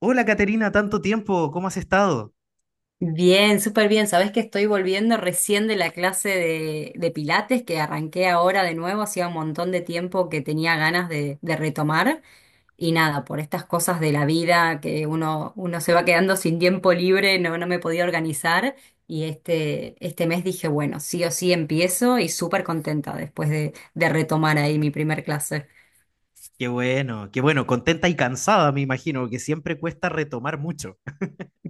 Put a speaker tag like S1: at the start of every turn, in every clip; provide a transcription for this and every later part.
S1: Hola Caterina, tanto tiempo, ¿cómo has estado?
S2: Bien, súper bien. Sabés que estoy volviendo recién de la clase de Pilates que arranqué ahora de nuevo. Hacía un montón de tiempo que tenía ganas de retomar. Y nada, por estas cosas de la vida que uno se va quedando sin tiempo libre, no me podía organizar. Y este mes dije, bueno, sí o sí empiezo y súper contenta después de retomar ahí mi primer clase.
S1: Qué bueno, contenta y cansada, me imagino, que siempre cuesta retomar mucho.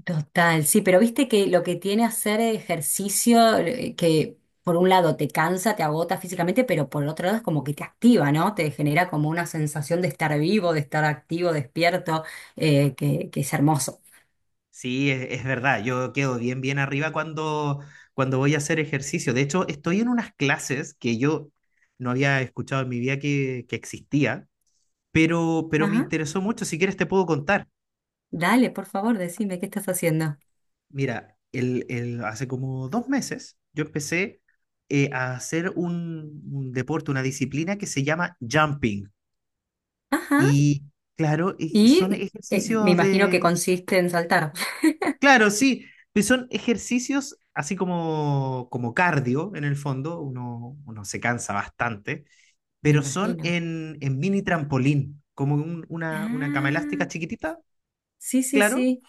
S2: Total, sí, pero viste que lo que tiene hacer ejercicio, que por un lado te cansa, te agota físicamente, pero por el otro lado es como que te activa, ¿no? Te genera como una sensación de estar vivo, de estar activo, despierto, que es hermoso.
S1: Sí, es verdad, yo quedo bien, bien arriba cuando voy a hacer ejercicio. De hecho, estoy en unas clases que yo no había escuchado en mi vida que existía, pero me
S2: Ajá,
S1: interesó mucho. Si quieres, te puedo contar.
S2: dale, por favor, decime qué estás haciendo.
S1: Mira, hace como dos meses yo empecé, a hacer un deporte, una disciplina que se llama jumping.
S2: Ajá,
S1: Y claro, y son
S2: y me
S1: ejercicios
S2: imagino que
S1: de...
S2: consiste en saltar.
S1: Claro, sí, pues son ejercicios así como, como cardio en el fondo, uno se cansa bastante,
S2: Me
S1: pero son
S2: imagino.
S1: en mini trampolín, como una cama elástica
S2: Ah,
S1: chiquitita,
S2: sí, sí,
S1: claro,
S2: sí,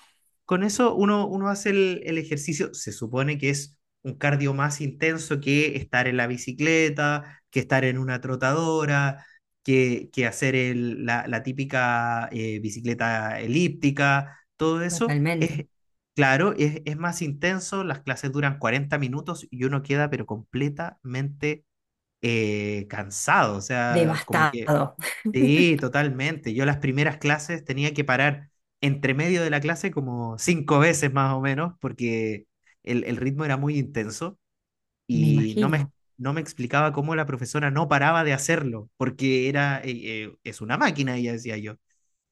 S1: con eso uno hace el ejercicio, se supone que es un cardio más intenso que estar en la bicicleta, que estar en una trotadora, que hacer la típica bicicleta elíptica, todo eso
S2: totalmente.
S1: es, claro, es más intenso, las clases duran 40 minutos y uno queda pero completamente, cansado, o sea, como que
S2: Devastado.
S1: sí, totalmente. Yo las primeras clases tenía que parar entre medio de la clase como cinco veces más o menos, porque el ritmo era muy intenso
S2: Me
S1: y
S2: imagino.
S1: no me explicaba cómo la profesora no paraba de hacerlo, porque era, es una máquina, ella decía yo.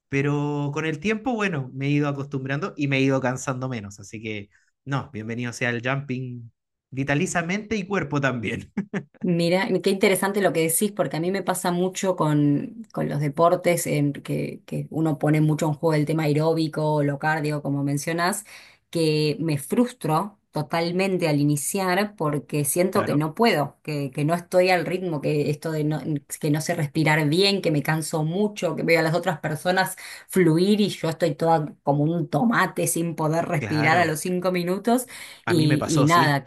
S1: Pero con el tiempo, bueno, me he ido acostumbrando y me he ido cansando menos. Así que no, bienvenido sea el jumping vitalizamente y cuerpo también.
S2: Mira, qué interesante lo que decís, porque a mí me pasa mucho con los deportes en que uno pone mucho en juego el tema aeróbico o lo cardio, como mencionás, que me frustro totalmente al iniciar porque siento que
S1: Claro,
S2: no puedo, que no estoy al ritmo, que esto de no, que no sé respirar bien, que me canso mucho, que veo a las otras personas fluir y yo estoy toda como un tomate sin poder respirar a
S1: claro.
S2: los 5 minutos
S1: A mí me
S2: y
S1: pasó, sí.
S2: nada,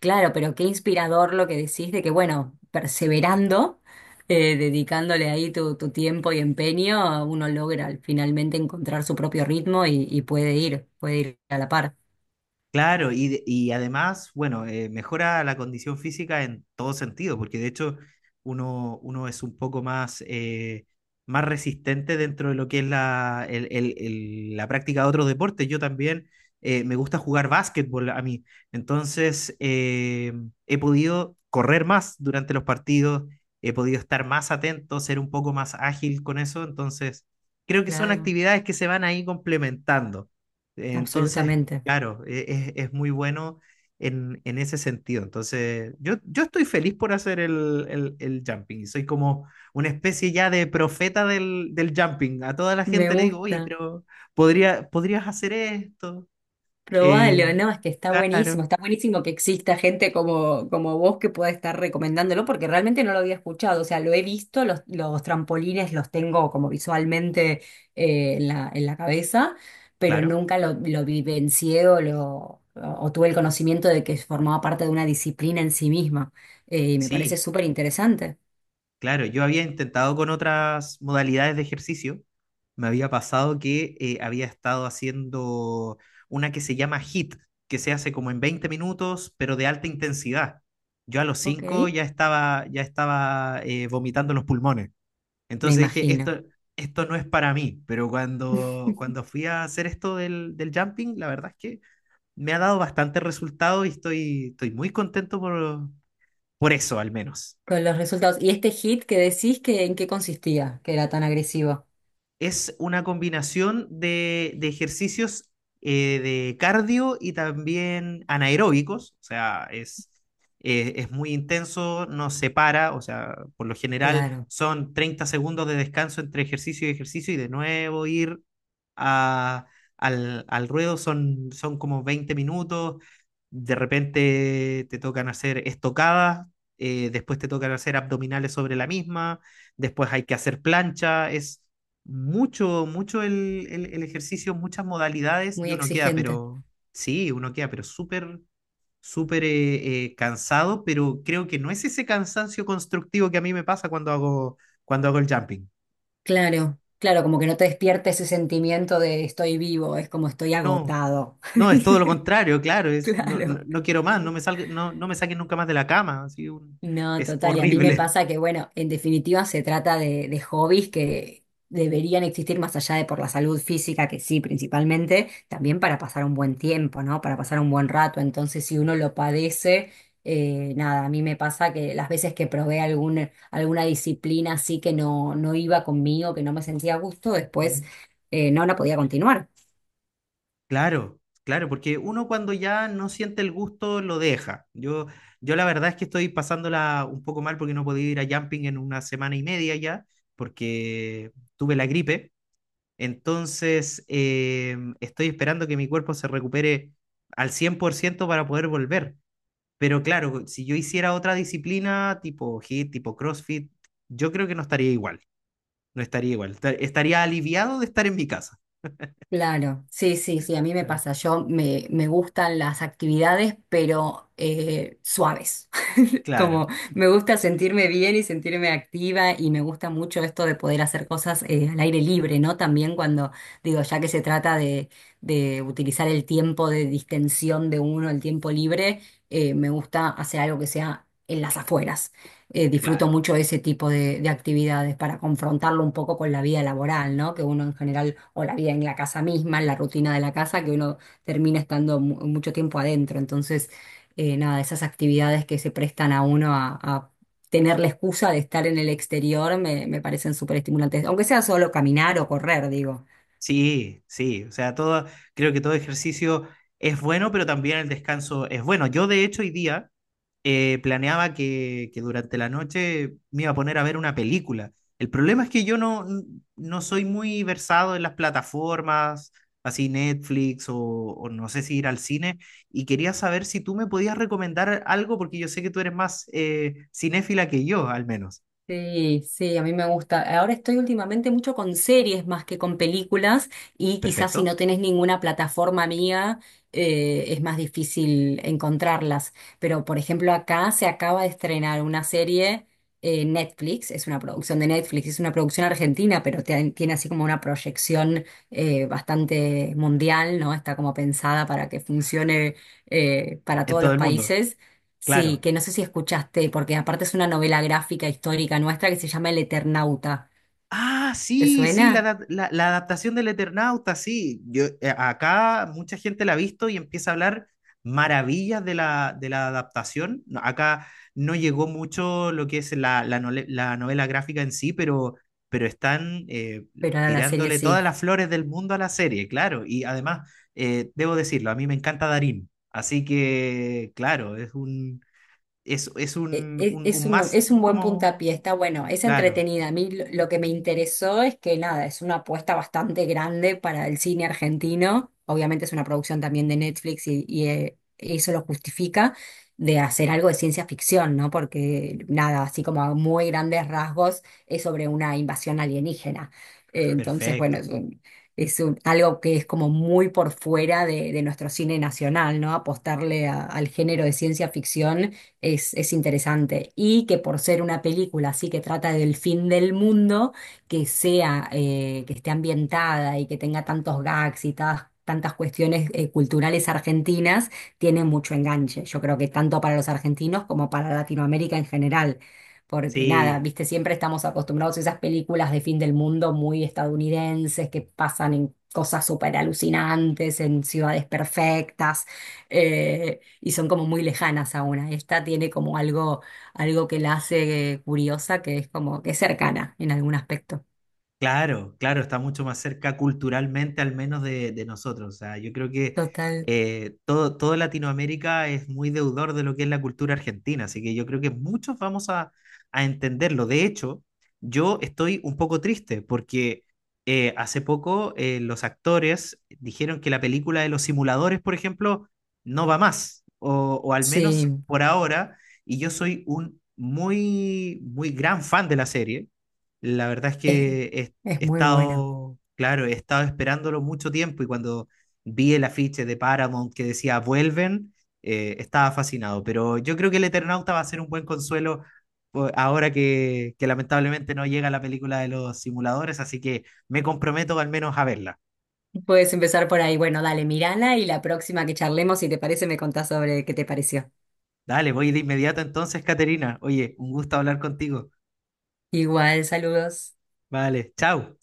S2: Claro, pero qué inspirador lo que decís de que, bueno, perseverando, dedicándole ahí tu tiempo y empeño, uno logra finalmente encontrar su propio ritmo y puede ir a la par.
S1: Claro, y, y además, bueno, mejora la condición física en todo sentido, porque de hecho uno es un poco más, más resistente dentro de lo que es la, el- la práctica de otros deportes. Yo también, me gusta jugar básquetbol a mí, entonces, he podido correr más durante los partidos, he podido estar más atento, ser un poco más ágil con eso, entonces creo que son
S2: Claro,
S1: actividades que se van ahí complementando. Entonces,
S2: absolutamente.
S1: claro, es muy bueno en ese sentido. Entonces, yo estoy feliz por hacer el jumping. Soy como una especie ya de profeta del jumping. A toda la
S2: Me
S1: gente le digo, oye,
S2: gusta.
S1: pero podrías hacer esto.
S2: Probalo,
S1: Eh,
S2: no, es que
S1: claro,
S2: está buenísimo que exista gente como, como vos que pueda estar recomendándolo, porque realmente no lo había escuchado, o sea, lo he visto, los trampolines los tengo como visualmente en la cabeza, pero
S1: claro,
S2: nunca lo vivencié o tuve el conocimiento de que formaba parte de una disciplina en sí misma, y me parece
S1: sí.
S2: súper interesante.
S1: Claro, yo había intentado con otras modalidades de ejercicio. Me había pasado que, había estado haciendo una que se llama HIIT, que se hace como en 20 minutos, pero de alta intensidad. Yo a los
S2: Ok,
S1: cinco ya estaba, vomitando los pulmones.
S2: me
S1: Entonces dije,
S2: imagino.
S1: esto no es para mí, pero cuando fui a hacer esto del jumping, la verdad es que me ha dado bastante resultado y estoy muy contento por eso, al menos.
S2: Con los resultados. ¿Y este hit que decís que en qué consistía, que era tan agresivo?
S1: Es una combinación de ejercicios, de cardio y también anaeróbicos, o sea, es muy intenso, no se para, o sea, por lo general
S2: Claro,
S1: son 30 segundos de descanso entre ejercicio y ejercicio y de nuevo ir a- al ruedo, son como 20 minutos, de repente te tocan hacer estocadas, después te tocan hacer abdominales sobre la misma, después hay que hacer plancha, es mucho el ejercicio, muchas modalidades y
S2: muy
S1: uno queda,
S2: exigente.
S1: pero sí, uno queda, pero súper, súper, cansado, pero creo que no es ese cansancio constructivo que a mí me pasa cuando hago el jumping.
S2: Claro, claro, como que no te despierta ese sentimiento de estoy vivo, es como estoy
S1: No,
S2: agotado.
S1: no, es todo lo contrario, claro, es, no, no,
S2: Claro.
S1: no quiero más, no me salga, no, no me saquen nunca más de la cama,
S2: No,
S1: es
S2: total, y a mí me
S1: horrible.
S2: pasa que, bueno, en definitiva se trata de hobbies que deberían existir más allá de por la salud física, que sí, principalmente, también para pasar un buen tiempo, ¿no? Para pasar un buen rato. Entonces, si uno lo padece, nada, a mí me pasa que las veces que probé algún, alguna disciplina así que no, no iba conmigo, que no me sentía a gusto, después no la podía continuar.
S1: Claro, claro, porque uno cuando ya no siente el gusto lo deja. Yo la verdad es que estoy pasándola un poco mal porque no podía ir a jumping en una semana y media ya, porque tuve la gripe. Entonces, estoy esperando que mi cuerpo se recupere al 100% para poder volver. Pero claro, si yo hiciera otra disciplina tipo hit, tipo CrossFit, yo creo que no estaría igual, no estaría igual. Estaría aliviado de estar en mi casa.
S2: Claro, sí, sí, sí, a mí me
S1: Claro.
S2: pasa. Me gustan las actividades, pero suaves. Como
S1: Claro,
S2: me gusta sentirme bien y sentirme activa y me gusta mucho esto de poder hacer cosas al aire libre, ¿no? También cuando digo, ya que se trata de utilizar el tiempo de distensión de uno, el tiempo libre, me gusta hacer algo que sea en las afueras. Disfruto
S1: claro.
S2: mucho ese tipo de actividades para confrontarlo un poco con la vida laboral, ¿no? Que uno en general, o la vida en la casa misma, en la rutina de la casa, que uno termina estando mucho tiempo adentro. Entonces nada, esas actividades que se prestan a a tener la excusa de estar en el exterior me parecen súper estimulantes, aunque sea solo caminar o correr, digo.
S1: Sí, sí, o sea, todo, creo que todo ejercicio es bueno, pero también el descanso es bueno. Yo, de hecho, hoy día, planeaba que durante la noche me iba a poner a ver una película. El problema es que yo no, no soy muy versado en las plataformas, así Netflix, o no sé si ir al cine, y quería saber si tú me podías recomendar algo, porque yo sé que tú eres más, cinéfila que yo, al menos.
S2: Sí, sí, a mí me gusta. Ahora estoy últimamente mucho con series más que con películas y quizás si no
S1: Perfecto.
S2: tenés ninguna plataforma mía es más difícil encontrarlas. Pero por ejemplo acá se acaba de estrenar una serie Netflix, es una producción de Netflix, es una producción argentina, pero tiene así como una proyección bastante mundial, ¿no? Está como pensada para que funcione para
S1: En
S2: todos
S1: todo
S2: los
S1: el mundo,
S2: países. Sí,
S1: claro.
S2: que no sé si escuchaste, porque aparte es una novela gráfica histórica nuestra que se llama El Eternauta.
S1: Ah,
S2: ¿Te
S1: sí, sí, la,
S2: suena?
S1: la adaptación del Eternauta, sí. Yo, acá mucha gente la ha visto y empieza a hablar maravillas de la adaptación. No, acá no llegó mucho lo que es la, la novela gráfica en sí, pero están,
S2: Pero ahora la serie
S1: tirándole
S2: sí.
S1: todas las flores del mundo a la serie, claro. Y además, debo decirlo, a mí me encanta Darín. Así que, claro, es,
S2: Es
S1: un must
S2: es un buen
S1: como...
S2: puntapié, está bueno, es
S1: Claro,
S2: entretenida. A mí lo que me interesó es que nada, es una apuesta bastante grande para el cine argentino. Obviamente es una producción también de Netflix y eso lo justifica de hacer algo de ciencia ficción, ¿no? Porque nada, así como a muy grandes rasgos, es sobre una invasión alienígena. Entonces, bueno,
S1: perfecto.
S2: algo que es como muy por fuera de nuestro cine nacional, ¿no? Apostarle al género de ciencia ficción es interesante. Y que por ser una película así que trata del fin del mundo, que sea, que esté ambientada y que tenga tantos gags y tantas cuestiones culturales argentinas, tiene mucho enganche. Yo creo que tanto para los argentinos como para Latinoamérica en general. Porque nada,
S1: Sí.
S2: viste, siempre estamos acostumbrados a esas películas de fin del mundo muy estadounidenses que pasan en cosas súper alucinantes, en ciudades perfectas. eh, y son como muy lejanas a una. Esta tiene como algo, algo que la hace curiosa, que es como que es cercana en algún aspecto.
S1: Claro, claro, está mucho más cerca culturalmente al menos de nosotros. O sea, yo creo que,
S2: Total.
S1: todo Latinoamérica es muy deudor de lo que es la cultura argentina, así que yo creo que muchos vamos a entenderlo. De hecho, yo estoy un poco triste porque, hace poco los actores dijeron que la película de Los Simuladores, por ejemplo, no va más, o al menos
S2: Sí,
S1: por ahora, y yo soy un muy, muy gran fan de la serie. La verdad es
S2: es,
S1: que
S2: es
S1: he
S2: muy buena.
S1: estado, claro, he estado esperándolo mucho tiempo y cuando vi el afiche de Paramount que decía vuelven, estaba fascinado. Pero yo creo que el Eternauta va a ser un buen consuelo ahora que lamentablemente no llega la película de Los Simuladores, así que me comprometo al menos a verla.
S2: Puedes empezar por ahí. Bueno, dale, mirala y la próxima que charlemos, si te parece, me contás sobre qué te pareció.
S1: Dale, voy de inmediato entonces, Caterina. Oye, un gusto hablar contigo.
S2: Igual, saludos.
S1: Vale, chao.